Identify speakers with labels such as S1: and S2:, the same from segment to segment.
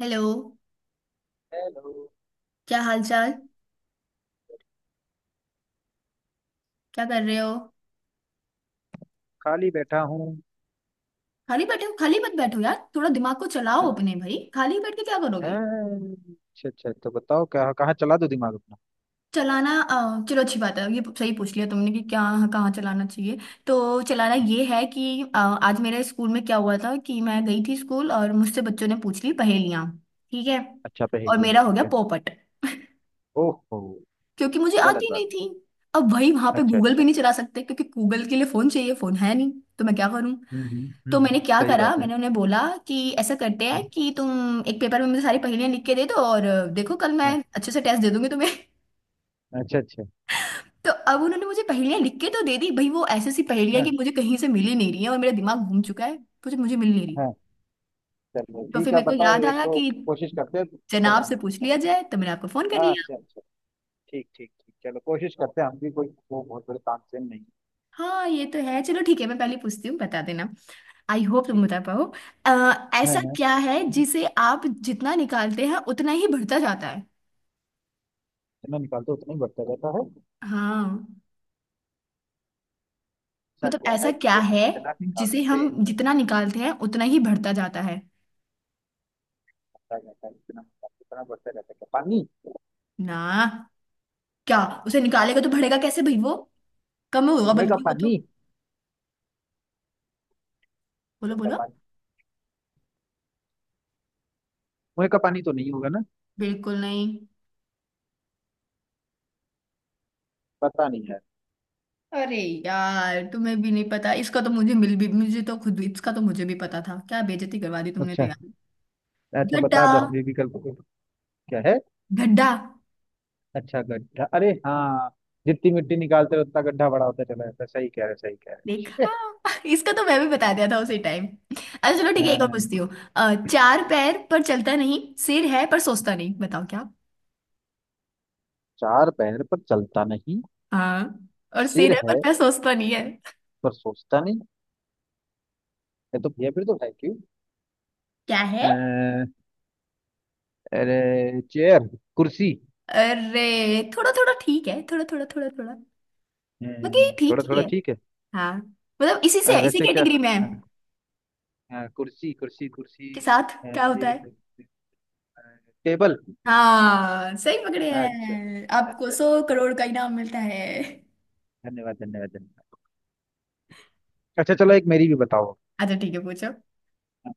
S1: Hello.
S2: Hello.
S1: क्या हाल चाल? क्या कर रहे हो?
S2: खाली बैठा हूँ।
S1: खाली बैठे हो? खाली मत बैठो यार, थोड़ा दिमाग को चलाओ अपने भाई। खाली बैठ के क्या करोगे?
S2: हैं? अच्छा अच्छा, तो बताओ क्या, कहाँ चला दो दिमाग अपना।
S1: चलाना, चलो अच्छी बात है, ये सही पूछ लिया तुमने कि क्या कहाँ चलाना चाहिए। तो चलाना ये है कि आज मेरे स्कूल में क्या हुआ था कि मैं गई थी स्कूल और मुझसे बच्चों ने पूछ ली पहेलियाँ। ठीक है।
S2: अच्छा
S1: और
S2: पहेलियाँ
S1: मेरा हो
S2: ठीक
S1: गया
S2: है।
S1: पोपट,
S2: ओहो,
S1: क्योंकि मुझे
S2: गलत
S1: आती
S2: बात
S1: नहीं
S2: हुई।
S1: थी। अब भाई वहां पे
S2: अच्छा
S1: गूगल
S2: अच्छा।
S1: भी नहीं चला सकते क्योंकि गूगल के लिए फोन चाहिए, फोन है नहीं। तो मैं क्या करूं? तो मैंने क्या
S2: सही
S1: करा,
S2: बात है।
S1: मैंने उन्हें बोला कि ऐसा करते
S2: हाँ,
S1: हैं कि तुम एक पेपर में मुझे सारी पहेलियां लिख के दे दो, और देखो कल मैं
S2: हाँ,
S1: अच्छे से टेस्ट दे दूंगी तुम्हें।
S2: अच्छा अच्छा।
S1: तो अब उन्होंने मुझे पहेलियां लिख के तो दे दी भाई, वो ऐसी सी पहेलियां कि
S2: हाँ
S1: मुझे कहीं से मिल ही नहीं रही है, और मेरा दिमाग घूम चुका है। मुझे मुझे मिल नहीं रही।
S2: हाँ चलो
S1: तो फिर
S2: ठीक है
S1: मेरे को
S2: बताओ
S1: याद
S2: एक
S1: आया
S2: दो
S1: कि
S2: कोशिश करते हैं,
S1: जनाब से
S2: बताने की
S1: पूछ लिया
S2: चलो।
S1: जाए, तो मैंने आपको फोन कर
S2: हाँ
S1: लिया।
S2: अच्छा अच्छा। ठीक ठीक ठीक, चलो कोशिश करते हैं, हम भी कोई वो बहुत बड़े तानसेन नहीं है।
S1: हाँ, ये तो है। चलो ठीक है, मैं पहले पूछती हूँ, बता देना, आई होप
S2: ठीक
S1: तुम बता पाओ।
S2: है।
S1: ऐसा
S2: हाँ हाँ,
S1: क्या है जिसे आप जितना निकालते हैं उतना ही बढ़ता जाता है?
S2: जितना निकालते हैं, उतना ही बढ़ता जाता है।
S1: हाँ,
S2: ऐसा
S1: मतलब
S2: क्या
S1: ऐसा
S2: है
S1: क्या
S2: जिसे हम
S1: है
S2: जितना
S1: जिसे
S2: निकालते
S1: हम
S2: हैं?
S1: जितना निकालते हैं उतना ही बढ़ता जाता है?
S2: क्या कहता है, इतना इतना बढ़ते रहता है? क्या पानी?
S1: ना, क्या? उसे निकालेगा तो बढ़ेगा कैसे भाई? वो कम होगा,
S2: कुएं का
S1: बल्कि वो तो।
S2: पानी?
S1: बोलो
S2: कुएं का
S1: बोलो।
S2: पानी? कुएं का पानी तो नहीं होगा ना?
S1: बिल्कुल नहीं।
S2: पता नहीं है।
S1: अरे यार, तुम्हें भी नहीं पता इसका तो? मुझे मिल भी, मुझे तो खुद इसका तो मुझे भी पता था, क्या बेइज्जती करवा दी तुमने तो
S2: अच्छा
S1: यार।
S2: अच्छा, बता
S1: गड्ढा।
S2: दो हमें विकल्प को। क्या है?
S1: गड्ढा।
S2: अच्छा गड्ढा, अरे हाँ, जितनी मिट्टी निकालते रहो उतना गड्ढा बड़ा होता चला जाता है। सही कह रहे, सही कह रहे।
S1: देखा।
S2: Shit!
S1: इसका तो मैं भी बता दिया था उसी टाइम। अच्छा चलो ठीक है, एक और
S2: हाँ,
S1: पूछती हूँ। चार पैर पर चलता नहीं, सिर है पर सोचता नहीं, बताओ क्या?
S2: चार पैर पर चलता नहीं,
S1: हाँ, और
S2: सिर
S1: सिर है पर
S2: है
S1: मैं सोचता नहीं है।
S2: पर सोचता नहीं, ये तो ये फिर तो है क्यों?
S1: क्या है?
S2: अ, अरे चेयर, कुर्सी।
S1: अरे, थोड़ा थोड़ा ठीक है, थोड़ा थोड़ा थोड़ा थोड़ा। मतलब ये ठीक
S2: थोड़ा
S1: ही
S2: थोड़ा
S1: है।
S2: ठीक है।
S1: हाँ मतलब इसी से, इसी
S2: वैसे क्या?
S1: कैटेगरी में है।
S2: हाँ। हाँ कुर्सी कुर्सी
S1: के
S2: कुर्सी।
S1: साथ क्या होता
S2: चेयर
S1: है?
S2: कुर्सी, अ, टेबल।
S1: हाँ सही पकड़े
S2: अच्छा अच्छा
S1: हैं, आपको
S2: अच्छा
S1: सौ
S2: अच्छा,
S1: करोड़ का इनाम मिलता है।
S2: धन्यवाद धन्यवाद धन्यवाद। अच्छा चलो एक मेरी भी बताओ।
S1: अच्छा ठीक है, पूछो।
S2: हाँ,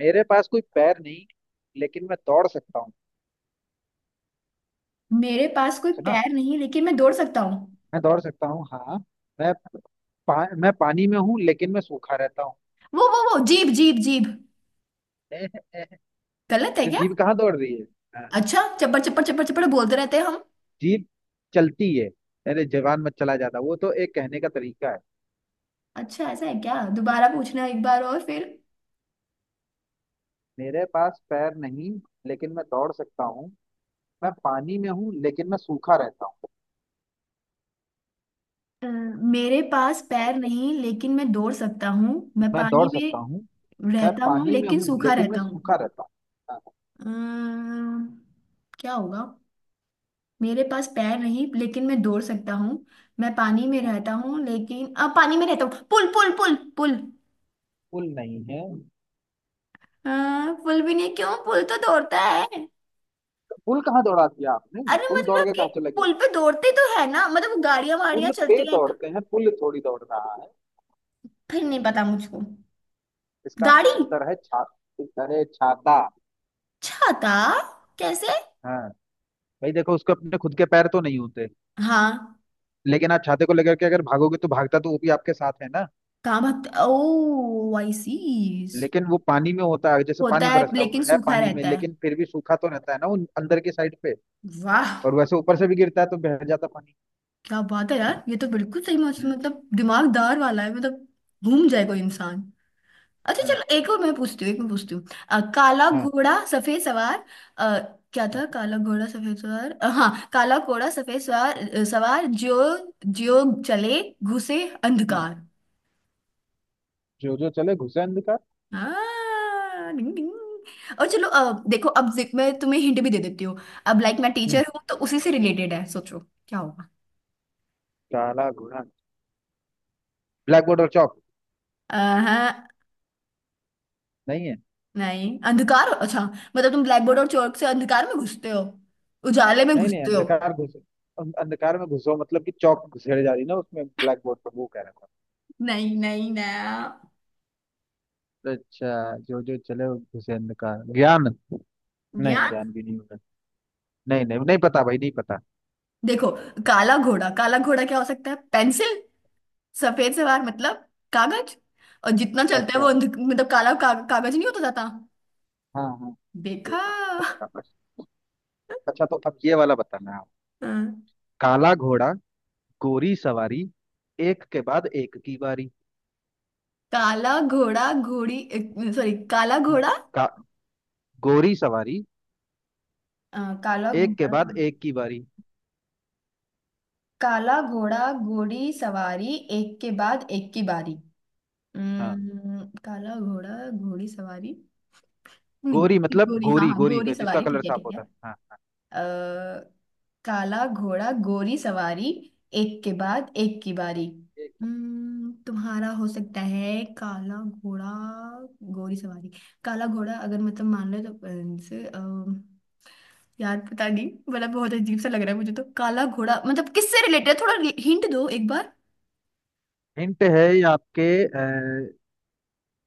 S2: मेरे पास कोई पैर नहीं लेकिन मैं दौड़ सकता हूँ,
S1: मेरे पास कोई
S2: है ना?
S1: पैर नहीं लेकिन मैं दौड़ सकता हूँ।
S2: मैं दौड़ सकता हूँ हाँ। मैं मैं पानी में हूँ लेकिन मैं सूखा रहता हूँ।
S1: वो जीभ जीभ जीभ। गलत है
S2: जो
S1: क्या?
S2: जीभ कहाँ दौड़ रही है? हाँ,
S1: अच्छा, चप्पड़ चप्पड़ चप्पड़ चप्पड़ बोलते रहते हैं हम।
S2: जीभ चलती है। अरे जवान मत चला, जाता वो तो एक कहने का तरीका है।
S1: अच्छा ऐसा है क्या? दोबारा पूछना एक बार और फिर।
S2: मेरे पास पैर नहीं लेकिन मैं दौड़ सकता हूँ। मैं पानी में हूँ लेकिन मैं सूखा रहता हूँ।
S1: मेरे पास पैर
S2: ओके,
S1: नहीं लेकिन मैं दौड़ सकता हूँ, मैं
S2: मैं
S1: पानी
S2: दौड़ सकता हूँ,
S1: में
S2: मैं
S1: रहता हूँ
S2: पानी में
S1: लेकिन
S2: हूँ
S1: सूखा
S2: लेकिन मैं
S1: रहता हूँ।
S2: सूखा रहता हूँ।
S1: अम्म, क्या होगा? मेरे पास पैर नहीं लेकिन मैं दौड़ सकता हूँ, मैं पानी में
S2: हाँ,
S1: रहता हूँ लेकिन अब, पानी में रहता हूँ, पुल पुल पुल पुल।
S2: पुल नहीं है।
S1: अ, पुल भी नहीं क्यों, पुल तो दौड़ता है।
S2: पुल कहाँ दौड़ा दिया आपने?
S1: अरे
S2: पुल दौड़
S1: मतलब
S2: के
S1: कि
S2: कहाँ चले गए?
S1: पुल पे दौड़ते तो है ना, मतलब गाड़ियां वाड़ियां
S2: पुल पे
S1: चलती हैं तो।
S2: दौड़ते हैं, पुल थोड़ी दौड़ रहा है।
S1: फिर नहीं पता मुझको।
S2: इसका
S1: गाड़ी?
S2: उत्तर है छा उत्तर है छाता।
S1: छाता? कैसे?
S2: हाँ भाई देखो, उसके अपने खुद के पैर तो नहीं होते,
S1: हाँ,
S2: लेकिन आप छाते को लेकर के अगर भागोगे तो भागता तो वो भी आपके साथ है ना।
S1: कहाँ भागते? ओ आई सी।
S2: लेकिन वो पानी में होता है, जैसे
S1: होता
S2: पानी
S1: है
S2: बरस रहा है,
S1: लेकिन
S2: वो है
S1: सूखा
S2: पानी में
S1: रहता है।
S2: लेकिन फिर भी सूखा तो रहता है ना, वो अंदर की साइड पे।
S1: वाह।
S2: और वैसे ऊपर से भी गिरता है तो बह जाता पानी।
S1: क्या बात है यार, ये तो बिल्कुल सही
S2: हम्म।
S1: मतलब दिमागदार वाला है, मतलब घूम जाएगा इंसान। अच्छा
S2: हाँ
S1: चलो एक और मैं पूछती हूँ, एक मैं पूछती हूँ। काला घोड़ा सफेद सवार। आ, क्या था?
S2: हाँ।
S1: काला घोड़ा सफेद सवार, हाँ काला घोड़ा सफेद सवार। सवार जो जो चले घुसे
S2: हम्म।
S1: अंधकार।
S2: जो जो चले घुसे अंधकार।
S1: हाँ, डिंग डिंग। और चलो अब देखो, अब जिक मैं तुम्हें हिंट भी दे देती हूँ। अब लाइक मैं
S2: हम्म,
S1: टीचर हूँ तो उसी से रिलेटेड है, सोचो क्या होगा।
S2: काला घोड़ा ब्लैक बोर्ड और चौक
S1: हाँ
S2: नहीं है?
S1: नहीं अंधकार, अच्छा मतलब तुम ब्लैक बोर्ड और चौक से अंधकार में घुसते हो? उजाले में
S2: नहीं नहीं,
S1: घुसते हो।
S2: अंधकार घुसे, अंधकार में घुसो मतलब कि चौक घुसेड़ जा रही ना उसमें, ब्लैक बोर्ड पर, वो कह रहा था।
S1: नहीं नहीं ना।
S2: अच्छा जो जो चले वो घुसे अंधकार, ज्ञान? नहीं
S1: ज्ञान?
S2: ज्ञान भी नहीं होगा। नहीं नहीं नहीं पता भाई, नहीं पता।
S1: देखो काला घोड़ा, काला घोड़ा क्या हो सकता है, पेंसिल, सफेद सवार मतलब कागज, और जितना चलता है वो
S2: अच्छा,
S1: अंध मतलब काला का, कागज नहीं होता जाता।
S2: हाँ हाँ, ये
S1: देखा।
S2: बात तो पक्का बस। अच्छा तो अब ये वाला बताना आप।
S1: हाँ।
S2: काला घोड़ा गोरी सवारी, एक के बाद एक की बारी।
S1: काला घोड़ा घोड़ी, सॉरी, काला घोड़ा।
S2: का, गोरी सवारी,
S1: अ, काला
S2: एक के
S1: घोड़ा।
S2: बाद एक की बारी।
S1: काला घोड़ा घोड़ी सवारी एक के बाद एक की बारी।
S2: हाँ,
S1: काला घोड़ा घोड़ी सवारी।
S2: गोरी
S1: नहीं
S2: मतलब
S1: घोड़ी, हाँ
S2: गोरी,
S1: हाँ,
S2: गोरी
S1: घोड़ी
S2: का जिसका
S1: सवारी,
S2: कलर
S1: ठीक है
S2: साफ
S1: ठीक है।
S2: होता है। हाँ,
S1: अ, काला घोड़ा गोरी सवारी एक के बाद एक की बारी। हम्म, तुम्हारा हो सकता है काला घोड़ा गोरी सवारी। काला घोड़ा अगर मतलब मान लो तो अ, से, अ, यार पता नहीं, मतलब बहुत अजीब सा लग रहा है मुझे तो काला घोड़ा मतलब किससे रिलेटेड है, थोड़ा हिंट दो एक बार।
S2: हिंट है ये आपके।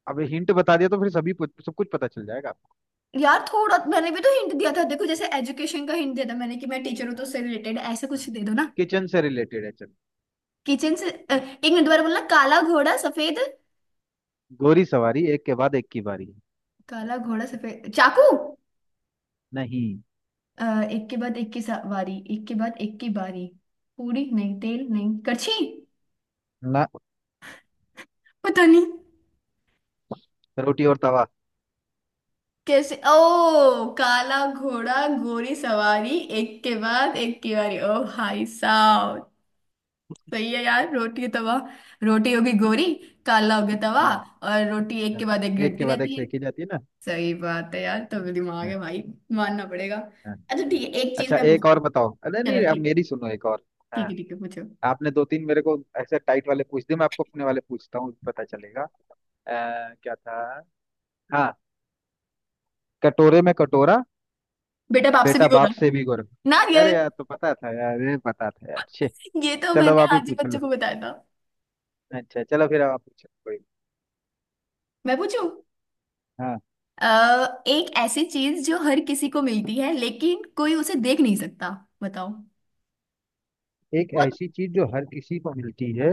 S2: अब हिंट बता दिया तो फिर सब कुछ पता चल जाएगा आपको।
S1: यार थोड़ा मैंने भी तो हिंट दिया था देखो, जैसे एजुकेशन का हिंट दिया था मैंने कि मैं टीचर हूँ तो
S2: हाँ,
S1: उससे रिलेटेड ऐसा कुछ
S2: हाँ।
S1: दे दो ना।
S2: किचन से रिलेटेड है चलो।
S1: किचन से, एक मिनट दोबारा बोलना, काला घोड़ा सफेद।
S2: गोरी सवारी एक के बाद एक की बारी।
S1: काला घोड़ा सफेद चाकू।
S2: नहीं,
S1: अ, एक के बाद एक की बारी, एक के बाद एक की बारी। पूरी नहीं, तेल नहीं, करछी?
S2: ना।
S1: पता नहीं।
S2: रोटी और तवा।
S1: कैसे ओ, काला घोड़ा गोरी सवारी एक के बाद एक की बारी, ओ भाई साहब। सही है यार, रोटी तवा। रोटी होगी गोरी, काला हो गया तवा,
S2: हाँ,
S1: और रोटी एक के
S2: हाँ,
S1: बाद एक
S2: एक के
S1: गिरती
S2: बाद एक
S1: रहती है।
S2: सेकी जाती है ना।
S1: सही बात है यार, तो दिमाग
S2: हाँ,
S1: है भाई, मानना पड़ेगा।
S2: हाँ।
S1: अच्छा ठीक है, एक चीज
S2: अच्छा
S1: मैं
S2: एक
S1: पूछती
S2: और
S1: हूँ।
S2: बताओ, अरे
S1: चलो
S2: नहीं अब
S1: ठीक।
S2: मेरी सुनो एक और।
S1: ठीक
S2: हाँ,
S1: है ठीक है, पूछो।
S2: आपने दो तीन मेरे को ऐसे टाइट वाले पूछ दिए, मैं आपको अपने वाले पूछता हूँ, पता चलेगा। क्या था, हाँ, कटोरे में कटोरा,
S1: बेटा बाप से भी
S2: बेटा
S1: बोला।
S2: बाप से भी गोरा।
S1: ना ये
S2: अरे यार तो पता था यार, अरे पता था यार छे।
S1: ये तो
S2: चलो
S1: मैंने
S2: आप ही
S1: आज ही
S2: पूछ
S1: बच्चों को
S2: लो,
S1: बताया था।
S2: अच्छा चलो फिर अब आप पूछो कोई।
S1: मैं पूछूं?
S2: हाँ,
S1: एक ऐसी चीज जो हर किसी को मिलती है लेकिन कोई उसे देख नहीं सकता, बताओ।
S2: एक
S1: बहुत।
S2: ऐसी चीज जो हर किसी को मिलती है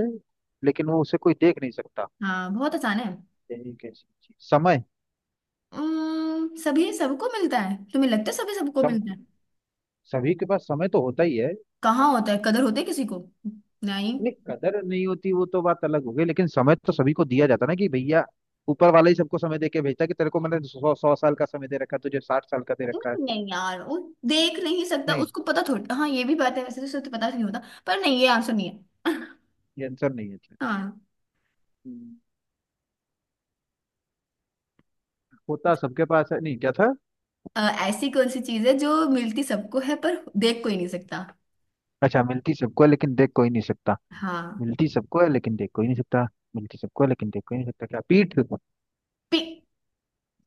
S2: लेकिन वो उसे कोई देख नहीं सकता।
S1: हाँ बहुत आसान है।
S2: यही कैसी चीज, समय?
S1: सभी सबको मिलता है? तुम्हें लगता है सभी सबको
S2: सम
S1: मिलता है?
S2: सभी के पास समय तो होता ही है।
S1: कहाँ होता है, कदर होती है किसी को? नहीं।
S2: नहीं कदर नहीं होती वो तो बात अलग हो गई, लेकिन समय तो सभी को दिया जाता ना, कि भैया ऊपर वाला ही सबको समय दे के भेजता, कि तेरे को मैंने सौ सौ साल का समय दे रखा है, तुझे साठ साल का दे रखा है।
S1: नहीं नहीं यार, वो देख नहीं सकता
S2: नहीं,
S1: उसको पता थोड़ा, हाँ ये भी बात है, वैसे तो उसे तो पता नहीं होता, पर नहीं, ये आंसर नहीं है।
S2: ये आंसर नहीं है इसमें।
S1: हाँ।
S2: हम्म, होता सबके पास है, नहीं क्या था?
S1: अ, ऐसी कौन सी चीज है जो मिलती सबको है पर देख कोई नहीं सकता?
S2: अच्छा, मिलती सबको है लेकिन देख कोई नहीं सकता।
S1: हाँ।
S2: मिलती सबको है लेकिन देख कोई नहीं सकता। मिलती सबको है लेकिन देख कोई नहीं सकता, क्या पीठ?
S1: पी,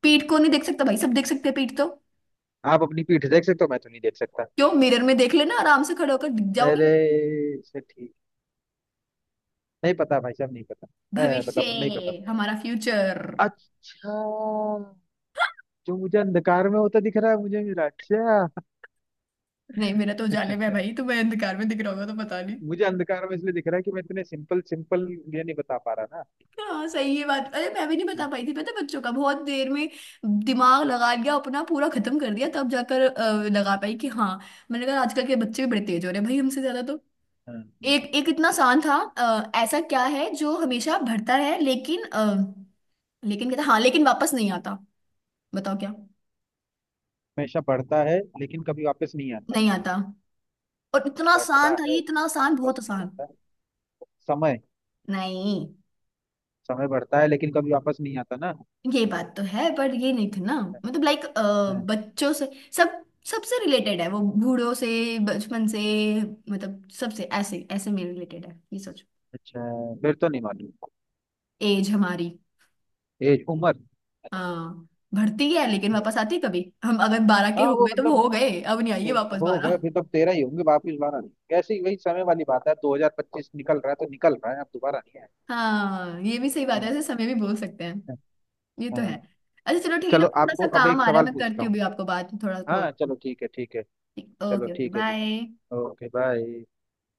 S1: पीठ को नहीं देख सकता भाई, सब देख सकते हैं पीठ तो।
S2: आप अपनी पीठ देख सकते हो, मैं तो नहीं देख सकता।
S1: क्यों, मिरर में देख लेना, आराम से खड़े होकर दिख जाओगे।
S2: अरे, से ठीक, नहीं पता भाई साहब, नहीं पता।
S1: भविष्य,
S2: मतलब नहीं पता,
S1: हमारा फ्यूचर।
S2: अच्छा जो मुझे अंधकार में होता दिख रहा है, मुझे मेरा अच्छा।
S1: नहीं मेरा तो उजाले में है भाई, तुम्हें अंधकार में दिख रहा होगा तो पता नहीं।
S2: मुझे अंधकार में इसलिए दिख रहा है कि मैं इतने सिंपल सिंपल ये नहीं बता पा रहा ना।
S1: हाँ सही है बात, अरे मैं भी नहीं
S2: हाँ,
S1: बता पाई थी पता है, बच्चों का बहुत देर में दिमाग लगा लिया अपना, पूरा खत्म कर दिया, तब जाकर लगा पाई कि हाँ। मैंने कहा आजकल के बच्चे भी बड़े तेज हो रहे हैं भाई, हमसे ज्यादा।
S2: हाँ, हाँ।
S1: एक एक इतना आसान था। ऐसा क्या है जो हमेशा भरता है लेकिन लेकिन कहता हाँ लेकिन वापस नहीं आता, बताओ क्या?
S2: हमेशा बढ़ता है लेकिन कभी वापस नहीं आता।
S1: नहीं आता। और इतना
S2: बढ़ता
S1: आसान था ये,
S2: है,
S1: इतना आसान, बहुत
S2: वापस नहीं
S1: आसान।
S2: आता, समय।
S1: नहीं
S2: समय बढ़ता है लेकिन कभी वापस नहीं आता ना।
S1: ये बात तो है पर ये नहीं था ना, मतलब लाइक
S2: हाँ,
S1: बच्चों से, सब सबसे रिलेटेड है, वो बूढ़ों से, बचपन से, मतलब सबसे ऐसे ऐसे में रिलेटेड है, ये सोचो।
S2: अच्छा फिर तो नहीं मालूम।
S1: एज हमारी।
S2: एज, उम्र, अच्छा।
S1: हाँ। भरती है लेकिन
S2: okay।
S1: वापस आती है कभी, हम अगर 12 के
S2: हाँ
S1: हो
S2: वो
S1: गए तो वो
S2: मतलब,
S1: हो गए, अब नहीं आएगी वापस
S2: हो गए
S1: 12।
S2: फिर तो अब तेरह ही होंगे, वापिस बारह नहीं, कैसी वही समय वाली बात है, 2025 निकल रहा है तो निकल रहा है, अब दोबारा नहीं है।
S1: हाँ ये भी सही बात है,
S2: हाँ,
S1: ऐसे समय भी बोल सकते हैं।
S2: हाँ,
S1: ये तो
S2: हाँ।
S1: है। अच्छा चलो ठीक है ना,
S2: चलो
S1: थोड़ा सा
S2: आपको अब
S1: काम
S2: एक
S1: आ रहा है
S2: सवाल
S1: मैं
S2: पूछता
S1: करती हूँ
S2: हूँ।
S1: भी, आपको बाद में थोड़ा कॉल।
S2: हाँ चलो ठीक है, ठीक है, चलो
S1: ओके ओके
S2: ठीक है जी,
S1: बाय।
S2: Okay bye.